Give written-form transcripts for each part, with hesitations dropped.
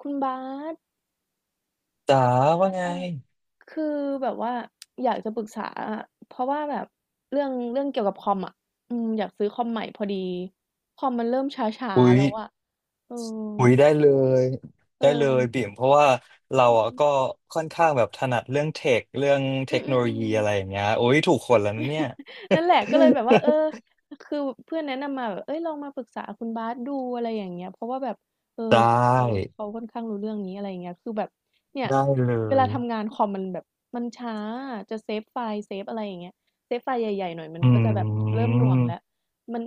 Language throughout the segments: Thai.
คุณบาสจ๋าคุณบาว่าสไงคือแบบว่าอยากจะปรึกษาอะเพราะว่าแบบเรื่องเกี่ยวกับคอมอ่ะอืมอยากซื้อคอมใหม่พอดี คอมมันเริ่มช้าหุๆยแล้วอ่ะเออหุยได้เลยเออบิ่มเพราะว่าเราอือ่ะมก็ค่อนข้างแบบถนัดเรื่องเทคเรื่องเทอืคมโนอืมโลอืม ยีอะไรอย่างเงี้ยโอ้ยถูกคนแล้วนะเนี่ย นั่นแหละก็เลยแบบว่าเออ คือเพื่อนแนะนำมาแบบเอ้ยลองมาปรึกษาคุณบาสดูอะไรอย่างเงี้ยเพราะว่าแบบเออไดเขา้เขาค่อนข้างรู้เรื่องนี้อะไรอย่างเงี้ยคือแบบเนี่ยได้เลเวลายทำงานคอมมันแบบมันช้าจะเซฟไฟล์เซฟอะไรอย่างเงี้ยเซฟไฟล์ใหญ่ๆหน่อยมันอืก็จะแบบเริ่มหน่วงแล้วมมัน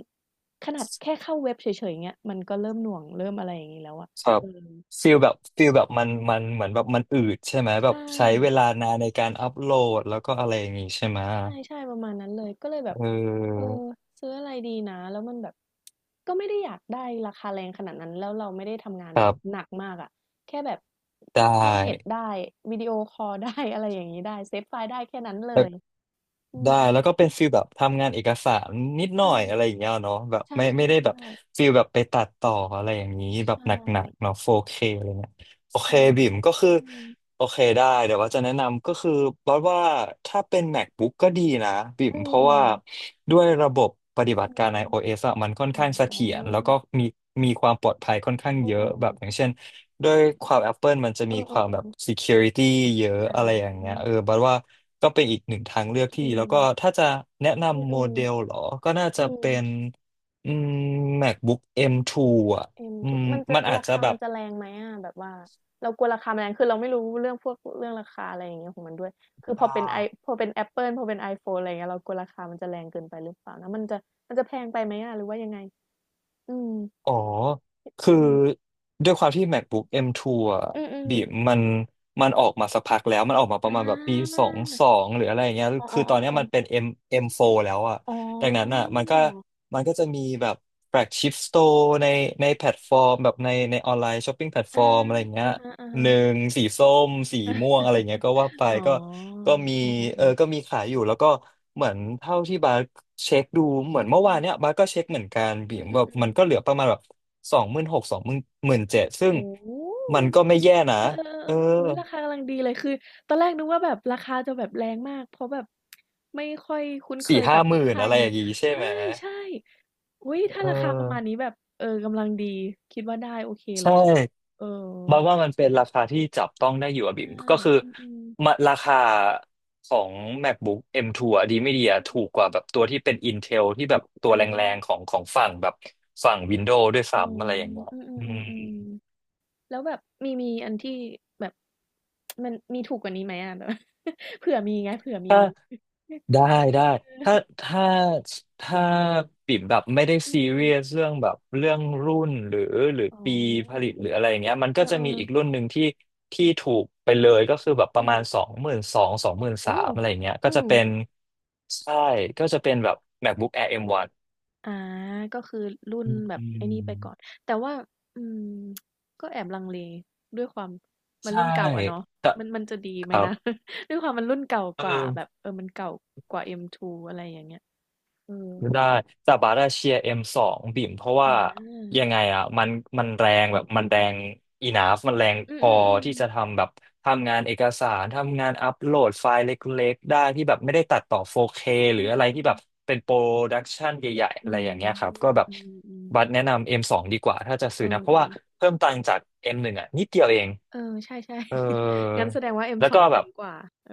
ขนาดแค่เข้าเว็บเฉยๆเงี้ยมันก็เริ่มหน่วงเริ่มอะไรอย่างงี้แล้วอะครับเออฟีลแบบมันเหมือนแบบมันอืดใช่ไหมแบบใช่ ใช้เวลานานในการอัพโหลดแล้วก็อะไรอย่างงี้ใช่ไหมใช่ใช่ประมาณนั้นเลยก็เลยแบเอบเอออซื้ออะไรดีนะแล้วมันแบบก็ไม่ได้อยากได้ราคาแรงขนาดนั้นแล้วเราไม่ได้ทำงานคแบรับหบนักมากอ่ะแค่แบบไดเข้าเน็ต้ ได้วิดีโอคอลได้ อะไรอย่างนี้ได้เซฟไฟล์ได้แค่นั้นเลยอืมแล้วก็เป็นฟิลแบบทำงานเอกสารนิดหน่ใช่อยอะไรอย่างเงี้ยเนาะแบบใช่ไม่ใช่ไม่ได้แบใช่บฟิลแบบไปตัดต่ออะไรอย่างนี้แบบใช่หนักๆเนาะ 4K อะไรเงี้ยโอเคใช่บิ่มก็คืออืมโอเคได้เดี๋ยวว่าจะแนะนำก็คือบอกว่าถ้าเป็น MacBook ก็ดีนะบิ่มอืเพราะว่ามด้วยระบบปฏิบัอืติการ ม iOS อะมันค่อนอ๋ข้างเสถียรอแล้วก็มีมีความปลอดภัยค่อนข้างอเยอะืมแบบอย่างเช่น ด้วยความ Apple มันจะอืมีมคอืมวามอืมแบบ อืม security เยอะอ่อะไรอย่างเงี้ยาเออบัดว่าก็เป็นอีกหนึ่งทางเลือกที่อืดีแล้วก็มถ้าจะแนะอืมนำอืโมมเดลเหรอ ก็น่าจะอืม เป็นอืม MacBook M2 อมทูอ่ะเอ็มอืทมกมันจะมันอาจราจะคาแบมับนจะแรงไหมอะแบบว่าเรากลัวราคามันแรงคือเราไม่รู้เรื่องพวกเรื่องราคาอะไรอย่างเงี้ยของมันด้วยคือได้ พอเป็นแอปเปิลพอเป็นไอโฟนอะไรอย่างเงี้ยเรากลัวราคามันจะแรงเกินไปหรือเปล่านะมันจะมันจะแพงไปไหมอะหรือว่ายังไงอืม อ๋อ คืออืม ด้วยความที่ MacBook M2 อมทูอ่ะอืบีมมันมันออกมาสักพักแล้วมันออกมาปๆอระมาณแบบปีาสองสองหรืออะไรอย่างเงี้ยอ๋อคือตอนเนี้ยๆมันๆเป็น ๆ M4 แล้วอ่ะอ๋อดังนั้นอ่ะมันก็จะมีแบบแฟลกชิพสโตร์ในแพลตฟอร์มแบบในออนไลน์ช้อปปิ้งแพลตฟอาอร์มอะไรอย่างเงี้อย ะหฮะนึ่งสีส้มสีม่วงอะไรเงี้ยก็ว่าไปๆอ๋ อก็มีอืเอออๆก็ๆมีขายอยู่แล้วก็เหมือนเท่าที่บาร์เช็คดูเหมืออนเมื่อวาืนเนี้ยบาร์ก็เช็คเหมือนกันบีม มอืแบบมัอนๆก็เหลืๆอประมาณแบบ26,00027,000ซึ่งโอ้โฮ มันก็ไม่แย่นะเออๆๆอเออเอออุ๊ยราคากำลังดีเลยคือตอนแรกนึกว่าแบบราคาจะแบบแรงมากเพราะแบบไม่ค่อยคุ้นเคสี่ยห้ากับหมื่นค่าอะยไรอนี้ย่างงี้ใชใช่ไหม่ๆอุ๊ยถ้าเอราคาประมาณนี้อแบบเออกำลังดีคิดว่าได้โอเคเลใช่ ยอะเออบัดว่ามันเป็นราคาที่จับต้องได้อยู่อะบิ่ใช่มก็คืออืมมาๆราคาของ MacBook M2 อมทูอะดีไม่ดีอือะถูมกกว่าแบบตัวที่เป็น Intel ที่แบบตัๆวอาแรงๆของของฝั่งแบบฝั่ง Windows ด้วยอ๋อซ้ำอะไรอย่างเงี้ยอือืม มๆๆๆแล้วแบบมีอันที่แบบมันมีถูกกว่านี้ไหมอะแบบ เผื่อมีไงเผื่อมีได้ได้ถ้าถ้าถ้าปิ่มแบบไม่ได้อือซีอือเรียสเรื่องแบบเรื่องรุ่นหรืออ๋อปีผลิตหรืออะไรอย่างเงี้ยมันเอก็จะมีออีกรุ่นหๆนึ่งที่ที่ถูกไปเลยก็คือแบบปอืระมาณสม องหมื่นสองสองหมื่นสาโอ้มอะไรอย่างเงี้ยอืมใช่ก็จะเป็นแบบ MacBook Air M1 อมวันอาก็คือรุ่นอืแบบไอ้นี่ไปก่อน มแต่ว่าอืมก็แอบลังเลด้วยความมันใช่รุ่นเก่าอะเนาะแต่มันจะดีคไหมรันะ บ ด้วยความมันรุ่นเก่าเอกว่าแบบอ เออมันเก่ากว่า M2 อมทูอะไรอย่างเงี้ยเออได้แต่บาร์ดาเชียร์เอ็มสองบิ่มเพราะอว่าายังไงอ่ะมันแรงอีนาฟมันแรงอืพมออืมอืที่จะมทำแบบทำงานเอกสารทำงานอัปโหลดไฟล์เล็กๆได้ที่แบบไม่ได้ตัดต่อ 4K หอรืออะไรที่แบบมเป็นโปรดักชันใหญ่ๆอือะไรอมย่างเงี้ยครัอืบก็มแบบอืมอืมบัตรแนะนำ M สองดีกว่าถ้าจะเอซื้อ อนะเพราะว่าเพิ่มตังค์จาก M หนึ่งอ่ะนิดเดียวเองเออ ใช่เออๆ งั้นแสดงว่า แล้ว M2 ก็แบคุ้บ มกว่า เออ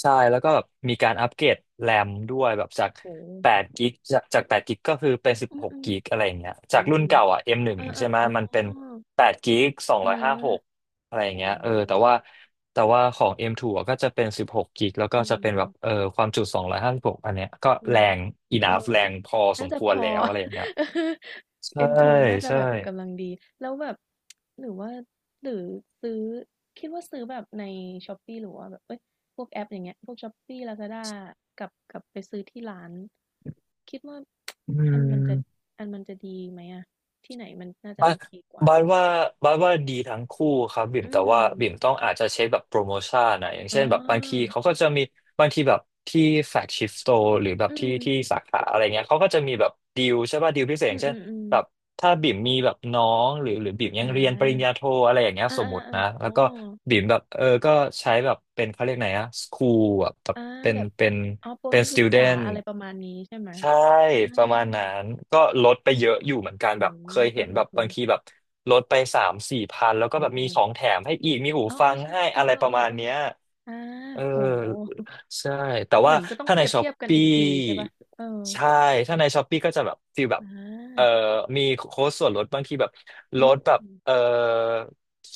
ใช่แล้วก็แบบมีการอัปเกรดแรมด้วยแบบจากโห8กิกจาก8กิกก็คือเป็นอ้16กโอือกิกอะไรอย่างเงี้ยโอ้จากรุ่นเก่าอ่ะ เอ M1 อๆออใช่ไหมอ๋อมันเป็น8กิกอา 256องร้อยห้าสิบหกอะไรอย่าอ๋งเงี้ยเออแต่ว่าอแต่ว่าของ M2 อมทูอะก็จะเป็น16กกิกแล้วก็อืจะเป็นมแบบเออความจุ256องร้อยห้าสิบหกอันเนี้ยก็อ๋แรกง เออ enough แรงพอสน่ามจะคพวรอ แล้วอะไรอย่างเงี้ย ใช่เอ็มทูน่าจะใช่แบบกำลังดี แล้วแบบ หรือว่าหรือซื้อ คิดว่าซื้อแบบใน Shopee หรือว่าแบบเอ้ยพวกแอปอย่างเงี้ยพวก Shopee Lazada กับไปซื้อที่ร้าน คิดว่า อือันมันจะม อันมันจะดีไหมอะที่ไหนมันน่าจะบาโอสเคกว่า บาสว่าบาสว่าดีทั้งคู่ครับบิ่มอืแต่ม ว่าบิ่มต้องอาจจะเช็คแบบโปรโมชั่นนะอย่างอ๋เช่นแบบบางทีอเขาก็จะมีบางทีแบบที่แฟลกชิพสโตร์หรือแบบอืที่มที่สาขาอะไรเงี้ยเขาก็จะมีแบบดีลใช่ป่ะดีลพิเศษออืย่ามงเช่อืนมอมแบบถ้าบิ่มมีแบบน้องหรือหรือบิ่มยัอ่งเรียนปริญญาาโทอะไรอย่างเงี้ยอาสมอามติอานะอ๋แล้อ วก็บิ่มแบบเออก็ใช้แบบเป็นเขาเรียกไหนอะสคูลแบบแบบอาเป็นแบบเป็นอ๋อโปรเป็นนักสศึติกวเดษาน อะไรประมาณนี้ใช่ไหมใช่อาประมาณนั้นก็ลดไปเยอะอยู่เหมือนกันโอแบบเคยเห็้นแบบโฮบางทีแบบลดไป3,000-4,000แล้วเออๆๆก็โอ้แบบโฮมีของแถมให้อีกมีหูอ๋อฟังๆใช่ให้เอออะไรประมาณๆเนี้ย ๆๆอาเออโอ้โฮใช่แต่เหว่ามือนก็ต้องถ้าเปในรียบช้อเทีปยบกันปี้อีกทีใช่เปล่าเออใช่ถ้าในช้อปปี้ก็จะแบบฟีลแบบอเออามีโค้ดส่วนลดบางทีแบบลอืดแบบม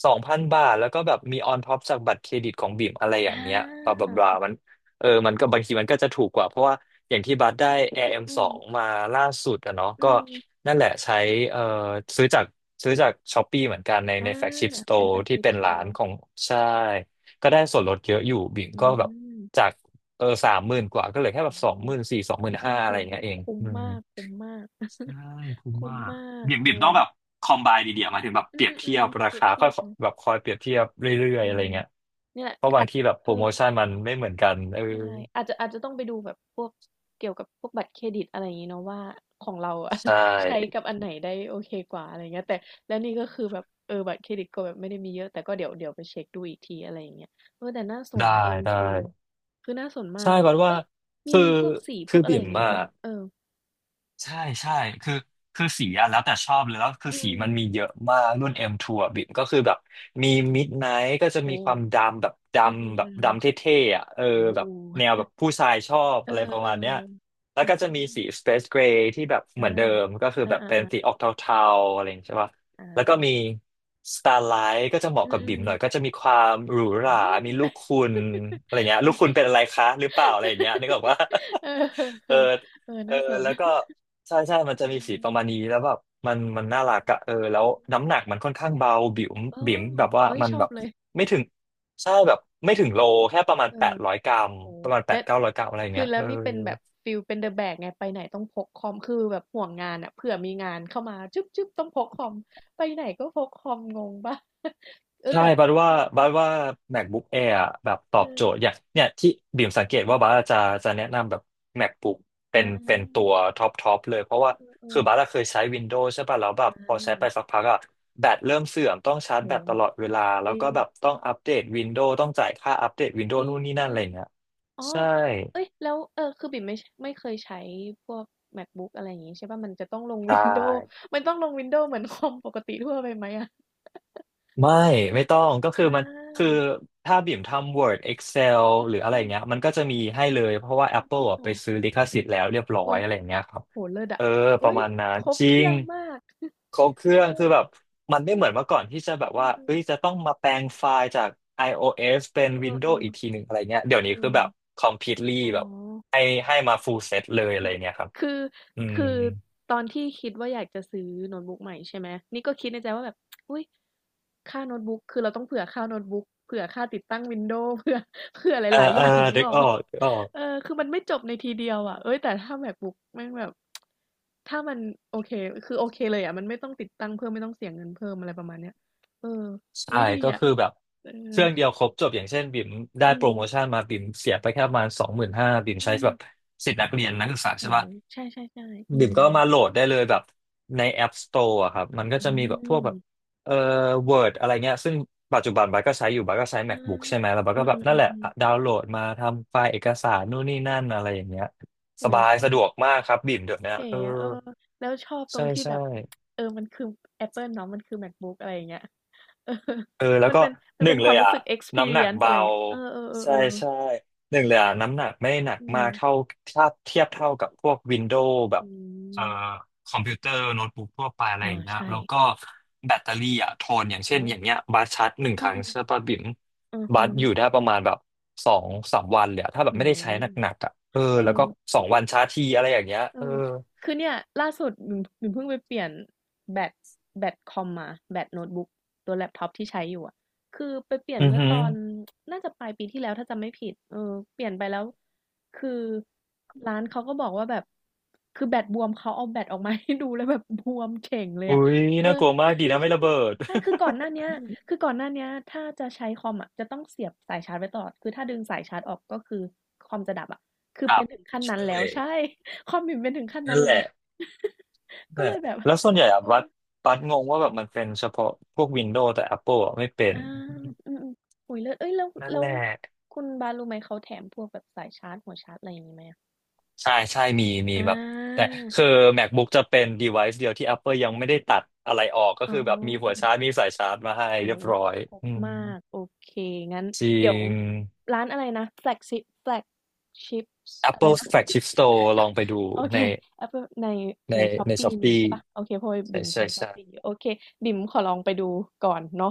สองพันบาทแล้วก็แบบมีออนท็อปจากบัตรเครดิตของบีมอะไรอย่าอางเงี้ยบลาบลาบลาโอเคมันเออเออมันก็บางทีมันก็จะถูกกว่าเพราะว่าอย่างที่บัตรได้ a อเอ็ m อืสองมมาล่าสุดอะเนาะอืก็มนั่นแหละใช้เออซื้อจากซื้อจากช้อปปี้เหมือนกันในอาแฟลกชิพสโตเป็นร์แฟลกที่ชิปเป็นสตร้าอนร์ของใช่ ก็ได้ส่วนลดเยอะอยู่บิ่มอืก็แบบมจากสามหมื่นกว่าก็เหลือแค่แบโอ้บโฮสองหมื่นสี่สองหมื่นห้าอะไรคุ้อมย่างเงี้ยเองคุ้มอืมมากคุ้มมาก ใช่ คุ้มคุ้มมากมากเอบิ่มต้อองแบบคอมไบดีเดียมายถึงแบบเปอืรียบเทีอยบๆๆราเปรียบคาเทีค่อยยบเนาะ แบบคอยเปรียบเทียบอืเรื่อยๆอะไรมเงี้ยเนี่แหละเพราะบาอางจทีแบบเอโปอรโมชั่นมันไม่เหมือนกันเออใช่อาจจะอาจจะต้องไปดูแบบพวกเกี่ยวกับพวกบัตรเครดิตอะไรอย่างงี้เนาะว่าของเราอะ ใช่ ใช้กับอันไหนได้โอเคกว่าอะไรอย่างเงี้ยแต่แล้วนี่ก็คือแบบเออบัตรเครดิตก็แบบไม่ได้มีเยอะแต่ก็เดี๋ยวไปเช็คดูอีกทีอะไรอย่างเงี้ยเออแต่น่าสนได้นะเอ็มได้ทูคือน่าสนมาใช่กบัดว่าเอ้ยมีคือมีพวกสีพคืวอกอะไรบิ่อมย่างงี้อะ เปล่าเออใช่ใช่คือคือสีอะแล้วแต่ชอบเลยแล้วคืออืสีมมันมีเยอะมากรุ่น M2 อมทูอะบิ่มก็คือแบบมี Midnight ก็จะโอ้มีความดำแบบดอืำแบบมดำเทๆ่ๆอะเออๆโอ้แบบแนวแบบผู้ชายชอบเออะอไรประมาณเนี้ยๆๆแล้วอืก็จะมีสี ม Space Gray ที่แบบเหอามือนเดิมก็คืออแบบเป็นาสีๆๆออกเทาๆอะไรอย่างเงี้ยใช่ปะอาแล้วก็มี Starlight ก็จะเหมาะอืกับบิ่มหน่อยก็ม จะมีความหรูหอืรามีมลูกคุณอะไรเงี้ยโอลูกเคคุณเป็นอะไรคะหรือเปล่าอะไรอย่างเงี้ยนึกออกว่า เ เออออเออเออน่าสนแล้วก็ ใช่ใช่ มันจะอืมีสีมประมาณนี้แล้วแบบอืมันน่ารักมอะเออแล้วน้ำหนักมันค่อนข้างเบาเอบิ๋มอแบบว่าเฮ้ยมันชอแบบบเลยไม่ถึงใช่แบบไม่ถึงโลแค่ประมาณเอแปอดร้อยกรัมโอ้โฮประมาณแปและดเก้าร้อยกรัมอะไรอย่างคือเงี้ยแล้เอวอ นี่เป็นแบบฟีลเป็น The Bag ไงไปไหนต้องพกคอมคือแบบห่วงงานอะเผื่อมีงานเข้ามาจึ๊บๆต้องพกคอมไปไหนก็พกคอมงงเปล่าเออใช่แบบบัดว่าคือบัดว่า MacBook Air อะแบบตเออบโจทย์ ออย่างเนี่ยที่บิ่มสังเกตเออว่าบัดจะแนะนำแบบ MacBook เป็อนตัาวท็อปเลย เพราะเอว่าคืออๆบัดอะๆเคยใช้ Windows ใช่ป่ะแล้วแบอบพอใช้ไปาสักพักอะแบตเริ่มเสื่อมต้องชาร์จแบโอ้ตโฮตลอดเวลา แล้จวริก็งแบบต้องอัปเดต Windows ต้องจ่ายค่าอัปเดต จ Windows นู่นนี่นั่นอะริไรงเงี้ยๆ อ๋อใช่เอ้ยแล้วเออคือบิ่มไม่ชไม่เคยใช้พวก MacBook อะไรอย่างงี้ใช่เปล่ามันจะต้องลง ใช Windows ่ มันต้องลง Windows เหมือนคอมปกติทั่วไปไหมอะไม่เออต้องก็คืออมันคือาถ้าบิ่มทำ Word Excel หรืออะไรอืเงี้ยมมันก็จะมีให้เลยเพราะว่า อ Apple อะไป้อซื้อลิขสิทธิ์แล้วเรียบร้อยอุ๊ยอะไรเงี้ยครับโอ้โฮเลิศเออะอปอุ๊ระอยมาณนั้นครบจริเคงรื่องมากครบเครื่องเอคือแบบอมันไม่เหมือนเมื่อก่อนที่จะแบบอว่าือเอ้ยๆจะต้องมาแปลงไฟล์จาก iOS เป็เออน Windows อีกทีๆหนึ่งอะไรเงี้ยๆเดี๋ยเอวนี้คืออแบบ completely อ๋อ แบบให้ให้มา full set เลยเออะไรอเงี้ยครับคืออืคืมอตอนที่คิดว่าอยากจะซื้อโน้ตบุ๊กใหม่ใช่ไหมนี่ก็คิดในใจว่าแบบอุ๊ยค่าโน้ตบุ๊กคือเราต้องเผื่อค่าโน้ตบุ๊กเผื่อค่าติดตั้ง Windows เผื่อหเออลายๆอเออย่างนึเด็กกออกอเปอล่ากอ เออคือมันไม่จบในทีเดียวอะเฮ้ยแต่ถ้า MacBook แม่งแบบถ้ามันโอเคคือโอเคเลยอะมันไม่ต้องติดตั้งเพิ่มไม่ต้องเสียเงินเพิ่มอะไรประมาณเนี้ยเออใช่อุ๊ยดีก็อะคือแบบเอเคอรื่องเดียวครบจบอย่างเช่นบิ่มได้อืโปรมโมชั่นมาบิ่มเสียไปแค่ประมาณสองหมื่นห้าบิ่มอืใช้มแบบสิทธิ์นักเรียนนักศึกษาโอ้ใช่โฮปะใช่ๆๆอืบิ่มก็มมาโหลดได้เลยแบบใน App Store อะครับมันก็อืจะมีแบบพวกมแบบเอ่อ Word อะไรเงี้ยซึ่งปัจจุบันบัสก็ใช้อยู่บัสก็ใช้ อา MacBook ใช่ไหมแล้วบัสอืก็แบบนั่นแหละอๆอะๆๆ ดาวน์โหลดมาทำไฟล์เอกสารนู่นนี่นั่นอะไรอย่างเงี้ยสอุ๊ยบายชอสะดบวกมากครับบิ่มเดี๋ยวนี้เก๋เอออะเออแล้วชอบตรใช่งที่ใช่ แบบเออมันคือแอปเปิลเนาะมันคือ MacBook อะไรอย่างเงี้ยเออ เออแล้ วมันก็เป็นมันหนึ่เป็งนคเลวายมรู้อ่ะสึก น้ำหนัก experience อะเบาไรเงี้ยเอใช่อๆๆๆใช่หนึ่งเลยอ่ะน้ำหนักไม่หนักอืมามกเท่าถ้าเทียบเท่ากับพวกวินโดว์แบบอืเอ่อมคอมพิวเตอร์โน้ตบุ๊กทั่วไปอะไรอาอย่างเงี้ยใช่แล้วก็แบตเตอรี่อ่ะทนอย่างโอ้เช่นอย่างเงี้ยบัสชาร์จหนึ่งคอือรั้งใช่ป่ะบิ่มๆอือบัฮึสอยู่ได้ประมาณแบบสองสามวันเลยอะถ้าแบบอืไม่ได้มใช้หนักๆอ่ะเออเออ แล้วก็สองวันชาร์จทีอะไรอย่างเงี้ยเอเอออคือเนี่ยล่าสุดหนูเพิ่งไปเปลี่ยนแบตแบตคอมมาแบตโน้ตบุ๊กตัวแล็ปท็อปที่ใช้อยู่อ่ะคือไปเปลี่ยอืนอเมื่อหือตอนน่าจะปลายปีที่แล้วถ้าจำไม่ผิดเออเปลี่ยนไปแล้วคือร้านเขาก็บอกว่าแบบคือแบตบวมเขาเอาแบตออกมาให้ดูแล้วแบบบวมเฉ่งเลยอุ้อ่ะยเออ น่ากลัว มาใชกดีนะไม่่ระเบิด ใช่คือก่อนหน้าเนี้ยคือก่อนหน้าเนี้ยถ้าจะใช้คอมอ่ะจะต้องเสียบสายชาร์จไว้ตลอดคือถ้าดึงสายชาร์จออกก็คือคอมจะดับอ่ะคื อครัเป็บนถึงขั้นนั้นใช่แล้วใช่ ความบิ่มเปถึงขั้นนั่นั้นนแหแล้ว ละ ก็แต่เลยแบบแล้วส่วนใหญ่อะเออบัสงงว่าแบบมันเป็นเฉพาะพวก Windows แต่ Apple อะไม่เป็นอาอืมๆโอ้ยแล้วเอ้ยแล้วนั่นแล้แหวละคุณบานรู้ไหมเขาแถมพวกแบบสายชาร์จหัวชาร์จอะไรอย่างนี้ไหมอะใช่ใช่มีมีอแบบแต่าคือ MacBook จะเป็น device เดียวที่ Apple ยังไม่ได้ตัดอะไรออกก็อ๋คือแบบมีหัวอชาร์จมีสายชาร์จมาให้โอ้เรียบโฮร้อยครบอืมมาก โอเค งั้นจริเดี๋ยวง ร้านอะไรนะ Flagship Flagships อะไร Apple นะ Flagship Store ลอง ไปดูโอเค ใน Apple ในในใน Shopee มี Shopee ใช่ปะโอเคเพราะว่าใช่บิ่มใช่ใช้ ใช่ Shopee โอเคบิ่มขอลองไปดูก่อนเนาะ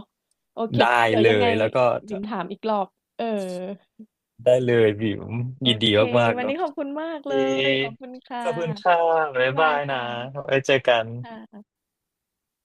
โอเคได้เดี๋ยวเลยังไงยแล้วก็บิ่มถามอีกรอบเออได้เลยบิวโอยินดีเคมากๆวันเนอะ นี้ขอบคุณมากเลดียขอบคุณค่ะขอบคุณค่ะบ๊าบ๊ายยบาบายยค่ะนะ ไว้เจอกันค่ะ